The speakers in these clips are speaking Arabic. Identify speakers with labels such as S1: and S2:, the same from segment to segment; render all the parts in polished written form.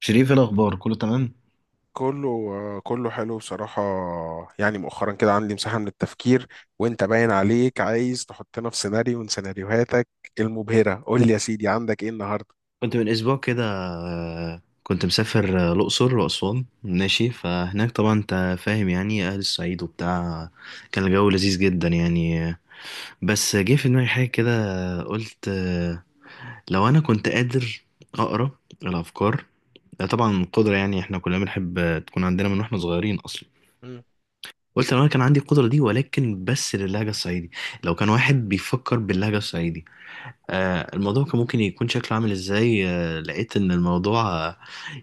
S1: شريف، إيه الأخبار؟ كله تمام؟
S2: كله حلو بصراحة. يعني مؤخرا كده عندي مساحة من التفكير، وانت باين عليك عايز تحطنا في سيناريو من سيناريوهاتك المبهرة. قول لي يا سيدي عندك ايه النهاردة؟
S1: كنت من اسبوع كده، كنت مسافر الاقصر واسوان ماشي. فهناك طبعا انت فاهم، يعني اهل الصعيد وبتاع. كان الجو لذيذ جدا يعني. بس جه في دماغي حاجه كده، قلت لو انا كنت قادر اقرا الافكار. ده طبعا قدره، يعني احنا كلنا بنحب تكون عندنا من واحنا صغيرين اصلا.
S2: مم.
S1: قلت لو انا كان عندي القدره دي، ولكن بس للهجه الصعيدي. لو كان واحد بيفكر باللهجه الصعيدي، الموضوع كان ممكن يكون شكله عامل ازاي؟ لقيت ان الموضوع آه،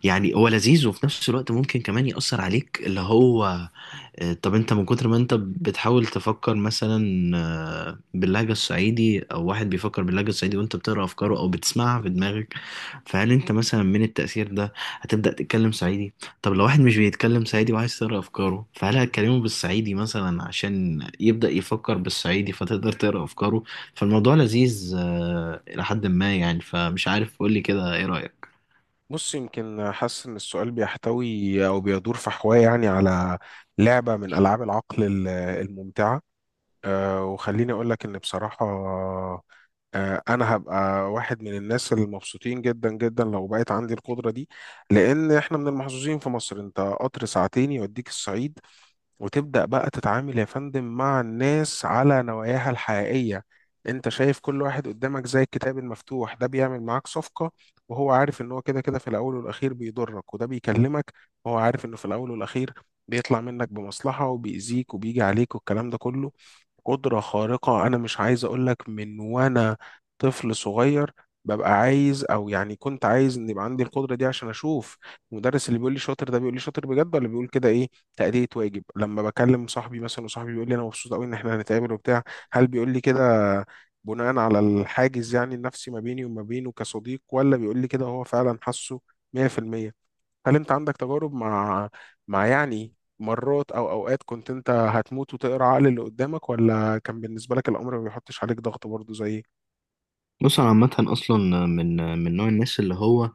S1: يعني هو لذيذ، وفي نفس الوقت ممكن كمان يأثر عليك. اللي هو طب انت من كتر ما انت بتحاول تفكر مثلا باللهجة الصعيدي، او واحد بيفكر باللهجة الصعيدي وانت بتقرأ افكاره او بتسمعها في دماغك، فهل انت مثلا من التأثير ده هتبدأ تتكلم صعيدي؟ طب لو واحد مش بيتكلم صعيدي وعايز تقرأ افكاره، فهل هتكلمه بالصعيدي مثلا عشان يبدأ يفكر بالصعيدي فتقدر تقرأ افكاره؟ فالموضوع لذيذ الى حد ما يعني. فمش عارف، قولي كده ايه رأيك.
S2: بص، يمكن حاسس ان السؤال بيحتوي او بيدور في حواه يعني على لعبة من العاب العقل الممتعة. وخليني اقول لك ان بصراحة، انا هبقى واحد من الناس المبسوطين جدا جدا لو بقيت عندي القدرة دي. لان احنا من المحظوظين في مصر، انت قطر ساعتين يوديك الصعيد، وتبدأ بقى تتعامل يا فندم مع الناس على نواياها الحقيقية. انت شايف كل واحد قدامك زي الكتاب المفتوح، ده بيعمل معاك صفقة وهو عارف ان هو كده كده في الاول والاخير بيضرك، وده بيكلمك وهو عارف انه في الاول والاخير بيطلع منك بمصلحة وبيأذيك وبيجي عليك، والكلام ده كله. قدرة خارقة أنا مش عايز أقولك، من وأنا طفل صغير ببقى عايز، أو يعني كنت عايز إن يبقى عندي القدرة دي عشان أشوف المدرس اللي بيقول لي شاطر، ده بيقول لي شاطر بجد ولا بيقول كده إيه، تأدية واجب. لما بكلم صاحبي مثلا وصاحبي بيقول لي أنا مبسوط أوي إن إحنا هنتقابل وبتاع، هل بيقول لي كده بناء على الحاجز يعني النفسي ما بيني وما بينه كصديق، ولا بيقول لي كده هو فعلا حاسه 100%؟ هل انت عندك تجارب مع، مع يعني مرات او اوقات كنت انت هتموت وتقرا عقل اللي قدامك، ولا كان بالنسبه لك الامر ما بيحطش عليك ضغط برضه زي؟
S1: بص، انا عامة اصلا من من نوع الناس اللي هو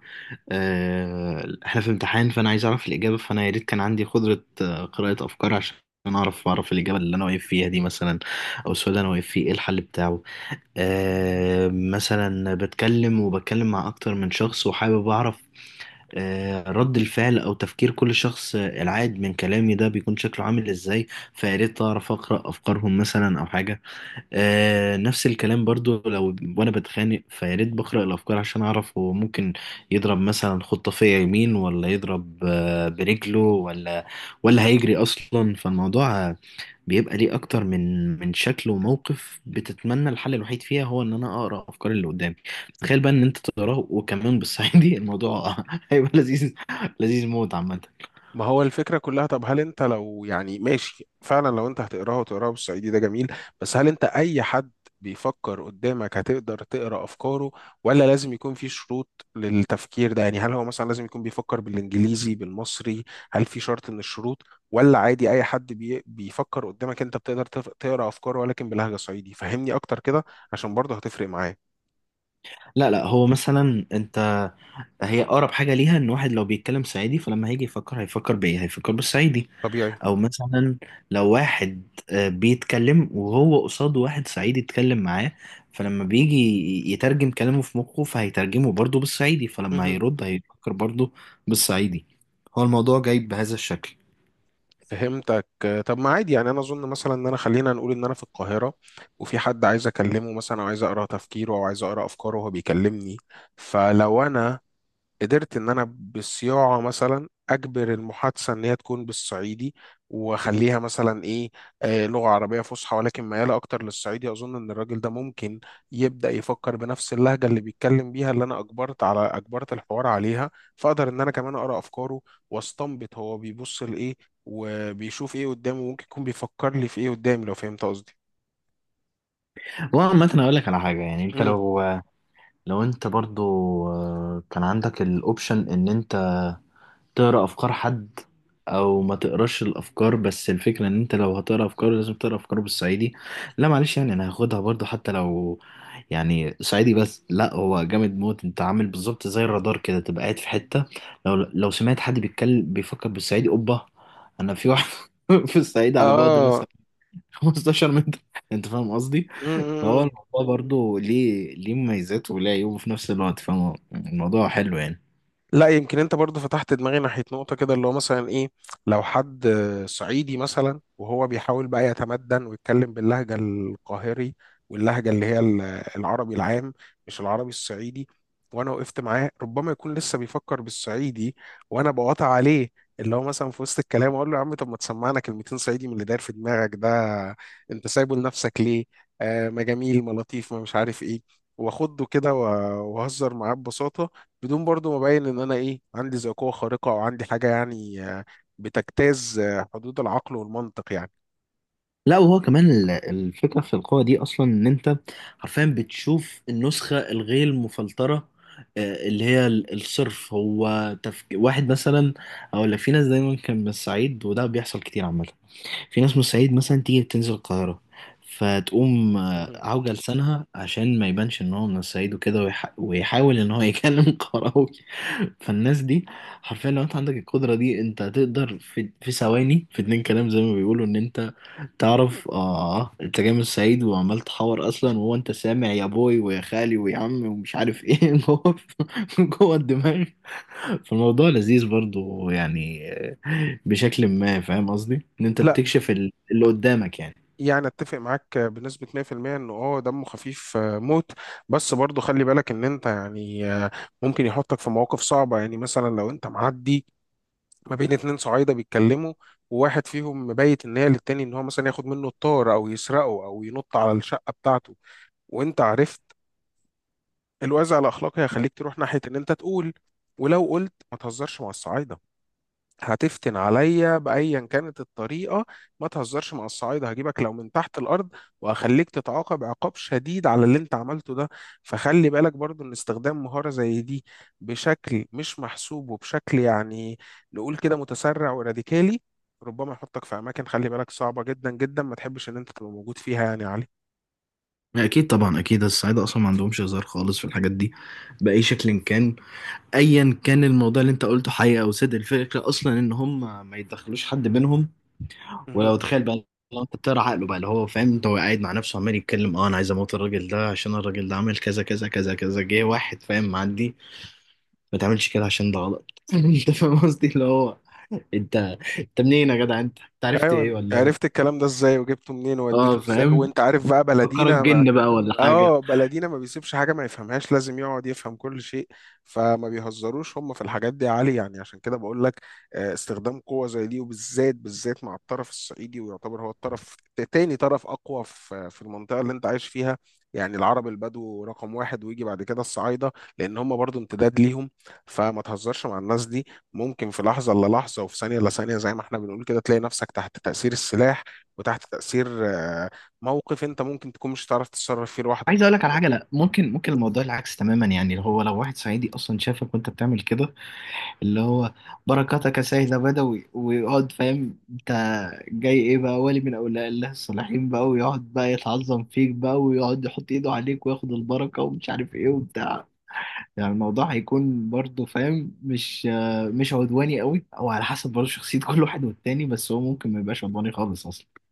S1: احنا في امتحان، فانا عايز اعرف الاجابه، فانا يا ريت كان عندي قدره قراءه افكار عشان اعرف، اعرف الاجابه اللي انا واقف فيها دي مثلا، او السؤال اللي انا واقف فيه ايه الحل بتاعه. مثلا بتكلم وبتكلم مع اكتر من شخص، وحابب اعرف رد الفعل او تفكير كل شخص العاد من كلامي ده بيكون شكله عامل ازاي. فيا ريت اعرف اقرا افكارهم مثلا او حاجه. نفس الكلام برضو، لو وانا بتخانق، فيا ريت بقرأ الافكار عشان اعرف هو ممكن يضرب مثلا خطة فيا يمين، ولا يضرب برجله، ولا ولا هيجري اصلا. فالموضوع بيبقى ليه اكتر من من شكل وموقف، بتتمنى الحل الوحيد فيها هو ان انا اقرأ افكار اللي قدامي. تخيل بقى ان انت تقراه وكمان بالصعيدي! الموضوع هيبقى لذيذ، لذيذ موت عامة.
S2: ما هو الفكرة كلها، طب هل انت لو يعني ماشي، فعلا لو انت هتقراها وتقراها بالصعيدي ده جميل، بس هل انت اي حد بيفكر قدامك هتقدر تقرا افكاره؟ ولا لازم يكون في شروط للتفكير ده؟ يعني هل هو مثلا لازم يكون بيفكر بالانجليزي بالمصري؟ هل في شرط من الشروط؟ ولا عادي اي حد بيفكر قدامك انت بتقدر تقرا افكاره، ولكن بلهجة صعيدي؟ فهمني اكتر كده، عشان برضه هتفرق معايا.
S1: لا لا، هو مثلا انت، هي اقرب حاجه ليها ان واحد لو بيتكلم صعيدي، فلما هيجي يفكر هيفكر بايه؟ هيفكر بالصعيدي.
S2: طبيعي.
S1: او مثلا لو واحد بيتكلم وهو قصاده واحد صعيدي يتكلم معاه، فلما بيجي يترجم كلامه في مخه، فهيترجمه برضه بالصعيدي، فلما هيرد هيفكر برضه بالصعيدي. هو الموضوع جاي بهذا الشكل.
S2: فهمتك. طب ما عادي يعني، انا اظن مثلا ان انا، خلينا نقول ان انا في القاهره وفي حد عايز اكلمه مثلا، او عايز اقرا تفكيره او عايز اقرا افكاره وهو بيكلمني، فلو انا قدرت ان انا بالصياعه مثلا اجبر المحادثه ان هي تكون بالصعيدي، واخليها مثلا ايه، آه لغه عربيه فصحى ولكن مياله اكتر للصعيدي، اظن ان الراجل ده ممكن يبدا يفكر بنفس اللهجه اللي بيتكلم بيها، اللي انا اجبرت على، اجبرت الحوار عليها، فاقدر ان انا كمان اقرا افكاره واستنبط هو بيبص لايه وبيشوف ايه قدامه، ممكن يكون بيفكر لي في ايه قدامي، لو فهمت قصدي.
S1: وعامة اقول لك على حاجة، يعني انت
S2: امم.
S1: لو، لو انت برضه كان عندك الاوبشن ان انت تقرا افكار حد او ما تقراش الافكار، بس الفكره ان انت لو هتقرا افكار لازم تقرا افكار بالصعيدي. لا معلش، يعني انا هاخدها برضو حتى لو يعني صعيدي. بس لا، هو جامد موت، انت عامل بالظبط زي الرادار كده، تبقى قاعد في حته، لو سمعت حد بيتكلم بيفكر بالصعيدي، اوبا، انا في واحد في الصعيد على بعد
S2: اه.
S1: مثلا 15 متر. انت فاهم قصدي؟ فهو
S2: مم.
S1: الموضوع برضو ليه ليه مميزات وليه عيوب في نفس الوقت، فاهم؟ الموضوع حلو يعني.
S2: لا يمكن انت برضو فتحت دماغي ناحية نقطة كده، اللي هو مثلا ايه، لو حد صعيدي مثلا وهو بيحاول بقى يتمدن ويتكلم باللهجة القاهري، واللهجة اللي هي العربي العام، مش العربي الصعيدي، وانا وقفت معاه، ربما يكون لسه بيفكر بالصعيدي وانا بقاطع عليه، اللي هو مثلا في وسط الكلام اقول له يا عم طب ما تسمعنا كلمتين صعيدي من اللي داير في دماغك ده، انت سايبه لنفسك ليه؟ آه ما جميل، ما لطيف، ما مش عارف ايه. واخده كده واهزر معاه ببساطة، بدون برضو ما ابين ان انا ايه، عندي ذي قوه خارقه او عندي حاجه يعني بتجتاز حدود العقل والمنطق يعني.
S1: لا، وهو كمان الفكرة في القوة دي أصلا، إن أنت حرفيا بتشوف النسخة الغير مفلترة، اللي هي الصرف. هو واحد مثلا أقول لك، في ناس دايما كان من الصعيد، وده بيحصل كتير عامة. في ناس من الصعيد مثلا تيجي تنزل القاهرة، فتقوم
S2: مهم.
S1: عوجة لسانها عشان ما يبانش إن هو من الصعيد، وكده ويحاول إن هو يكلم قراوي. فالناس دي حرفيا لو انت عندك القدرة دي، انت هتقدر في ثواني، في اتنين كلام زي ما بيقولوا، ان انت تعرف اه انت جاي من الصعيد وعمال تحور اصلا، وهو انت سامع يا بوي ويا خالي ويا عم ومش عارف ايه جوه جوه الدماغ. فالموضوع لذيذ برضو يعني بشكل ما. فاهم قصدي ان انت
S2: لا
S1: بتكشف اللي قدامك يعني.
S2: يعني اتفق معاك بنسبة 100% انه اه دمه خفيف موت، بس برضو خلي بالك ان انت يعني، ممكن يحطك في مواقف صعبة. يعني مثلا لو انت معدي ما بين اتنين صعايدة بيتكلموا، وواحد فيهم مبيت ان هي للتاني ان هو مثلا ياخد منه الطار او يسرقه او ينط على الشقة بتاعته، وانت عرفت، الوازع الاخلاقي هيخليك تروح ناحيه ان انت تقول. ولو قلت ما تهزرش مع الصعايده، هتفتن عليا بايا كانت الطريقه، ما تهزرش مع الصعايده هجيبك لو من تحت الارض، وهخليك تتعاقب عقاب شديد على اللي انت عملته ده. فخلي بالك برضو ان استخدام مهاره زي دي بشكل مش محسوب، وبشكل يعني نقول كده متسرع وراديكالي، ربما يحطك في اماكن، خلي بالك، صعبه جدا جدا ما تحبش ان انت تبقى موجود فيها، يعني يا
S1: اكيد طبعا اكيد، الصعايده اصلا ما عندهمش هزار خالص في الحاجات دي باي شكل كان. ايا كان الموضوع اللي انت قلته حقيقه او صدق، الفكره اصلا ان هم ما يدخلوش حد بينهم.
S2: علي.
S1: ولو تخيل بقى، لو انت بتقرا عقله بقى، اللي هو فاهم انت، هو قاعد مع نفسه عمال يتكلم، اه انا عايز اموت الراجل ده عشان الراجل ده عمل كذا كذا كذا كذا، جه واحد فاهم معدي، ما تعملش كده عشان ده غلط. انت فاهم قصدي، اللي هو، انت، انت منين يا جدع؟ انت انت عرفت
S2: ايوه،
S1: ايه؟ ولا
S2: عرفت الكلام ده ازاي وجبته منين ووديته
S1: اه
S2: ازاي،
S1: فاهم.
S2: وانت عارف بقى
S1: فكرك
S2: بلدينا.
S1: جن بقى ولا حاجه؟
S2: اه، بلدينا ما بيسيبش حاجة ما يفهمهاش، لازم يقعد يفهم كل شيء. فما بيهزروش هم في الحاجات دي يا علي، يعني عشان كده بقول لك، استخدام قوة زي دي وبالذات بالذات مع الطرف الصعيدي، ويعتبر هو الطرف، تاني طرف أقوى في في المنطقة اللي أنت عايش فيها. يعني العرب البدو رقم واحد، ويجي بعد كده الصعايدة، لأن هم برضو امتداد ليهم. فما تهزرش مع الناس دي، ممكن في لحظة إلا لحظة وفي ثانية إلا ثانية زي ما احنا بنقول كده، تلاقي نفسك تحت تأثير السلاح، وتحت تأثير موقف انت ممكن تكون مش هتعرف تتصرف فيه لوحدك.
S1: عايز اقول لك على حاجه، لا ممكن، ممكن الموضوع العكس تماما يعني. اللي هو لو واحد صعيدي اصلا شافك وانت بتعمل كده، اللي هو، بركاتك يا سيد بدوي، ويقعد فاهم انت جاي ايه بقى، ولي من اولياء الله الصالحين بقى، ويقعد بقى يتعظم فيك بقى ويقعد يحط ايده عليك وياخد البركة ومش عارف ايه وبتاع. يعني الموضوع هيكون برضه، فاهم، مش مش عدواني قوي، او على حسب برضه شخصية كل واحد والتاني، بس هو ممكن ما يبقاش عدواني خالص اصلا.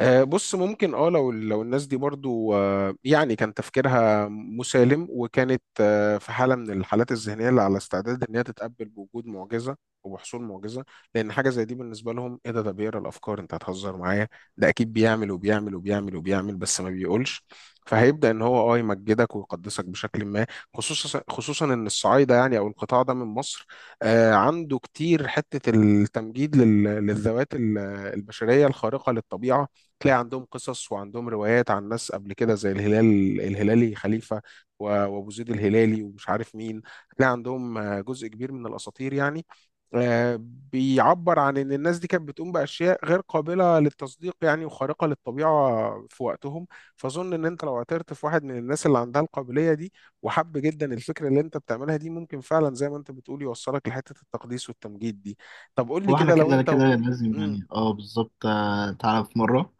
S2: بص، ممكن، اه لو لو الناس دي برضو يعني كان تفكيرها مسالم، وكانت في حاله من الحالات الذهنيه اللي على استعداد ان هي تتقبل بوجود معجزه وبحصول معجزه، لان حاجه زي دي بالنسبه لهم ايه، ده ده بيقرا الافكار، انت هتهزر معايا، ده اكيد بيعمل وبيعمل وبيعمل وبيعمل بس ما بيقولش، فهيبدا ان هو اه يمجدك ويقدسك بشكل ما. خصوصا خصوصا ان الصعايده يعني او القطاع ده من مصر، عنده كتير حته التمجيد للذوات البشريه الخارقه للطبيعه. تلاقي عندهم قصص وعندهم روايات عن ناس قبل كده زي الهلال الهلالي خليفة، وأبو زيد الهلالي ومش عارف مين. هتلاقي عندهم جزء كبير من الأساطير يعني، آه، بيعبر عن إن الناس دي كانت بتقوم بأشياء غير قابلة للتصديق يعني وخارقة للطبيعة في وقتهم. فأظن إن أنت لو اعترت في واحد من الناس اللي عندها القابلية دي، وحب جدا الفكرة اللي أنت بتعملها دي، ممكن فعلا زي ما أنت بتقول يوصلك لحتة التقديس والتمجيد دي. طب قول لي
S1: هو احنا
S2: كده لو
S1: كده
S2: أنت
S1: كده
S2: و...
S1: لازم،
S2: مم.
S1: يعني اه بالظبط. تعالى في مرة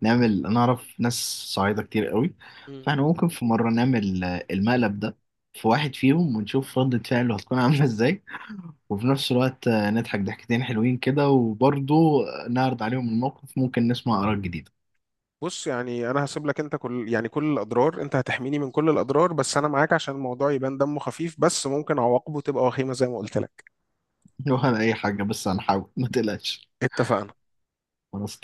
S1: نعمل، انا اعرف ناس صعيدة كتير قوي،
S2: مم.
S1: فاحنا ممكن في مرة نعمل المقلب ده في واحد فيهم ونشوف ردة فعله هتكون عاملة ازاي. وفي نفس الوقت نضحك ضحكتين حلوين كده، وبرضه نعرض عليهم الموقف، ممكن نسمع آراء جديدة.
S2: بص، يعني انا هسيب لك انت كل، يعني كل الاضرار، انت هتحميني من كل الاضرار، بس انا معاك عشان الموضوع يبان دمه خفيف، بس ممكن عواقبه تبقى وخيمة زي ما قلت لك.
S1: ولا أي حاجة، بس هنحاول ما تقلقش.
S2: اتفقنا.
S1: خلاص.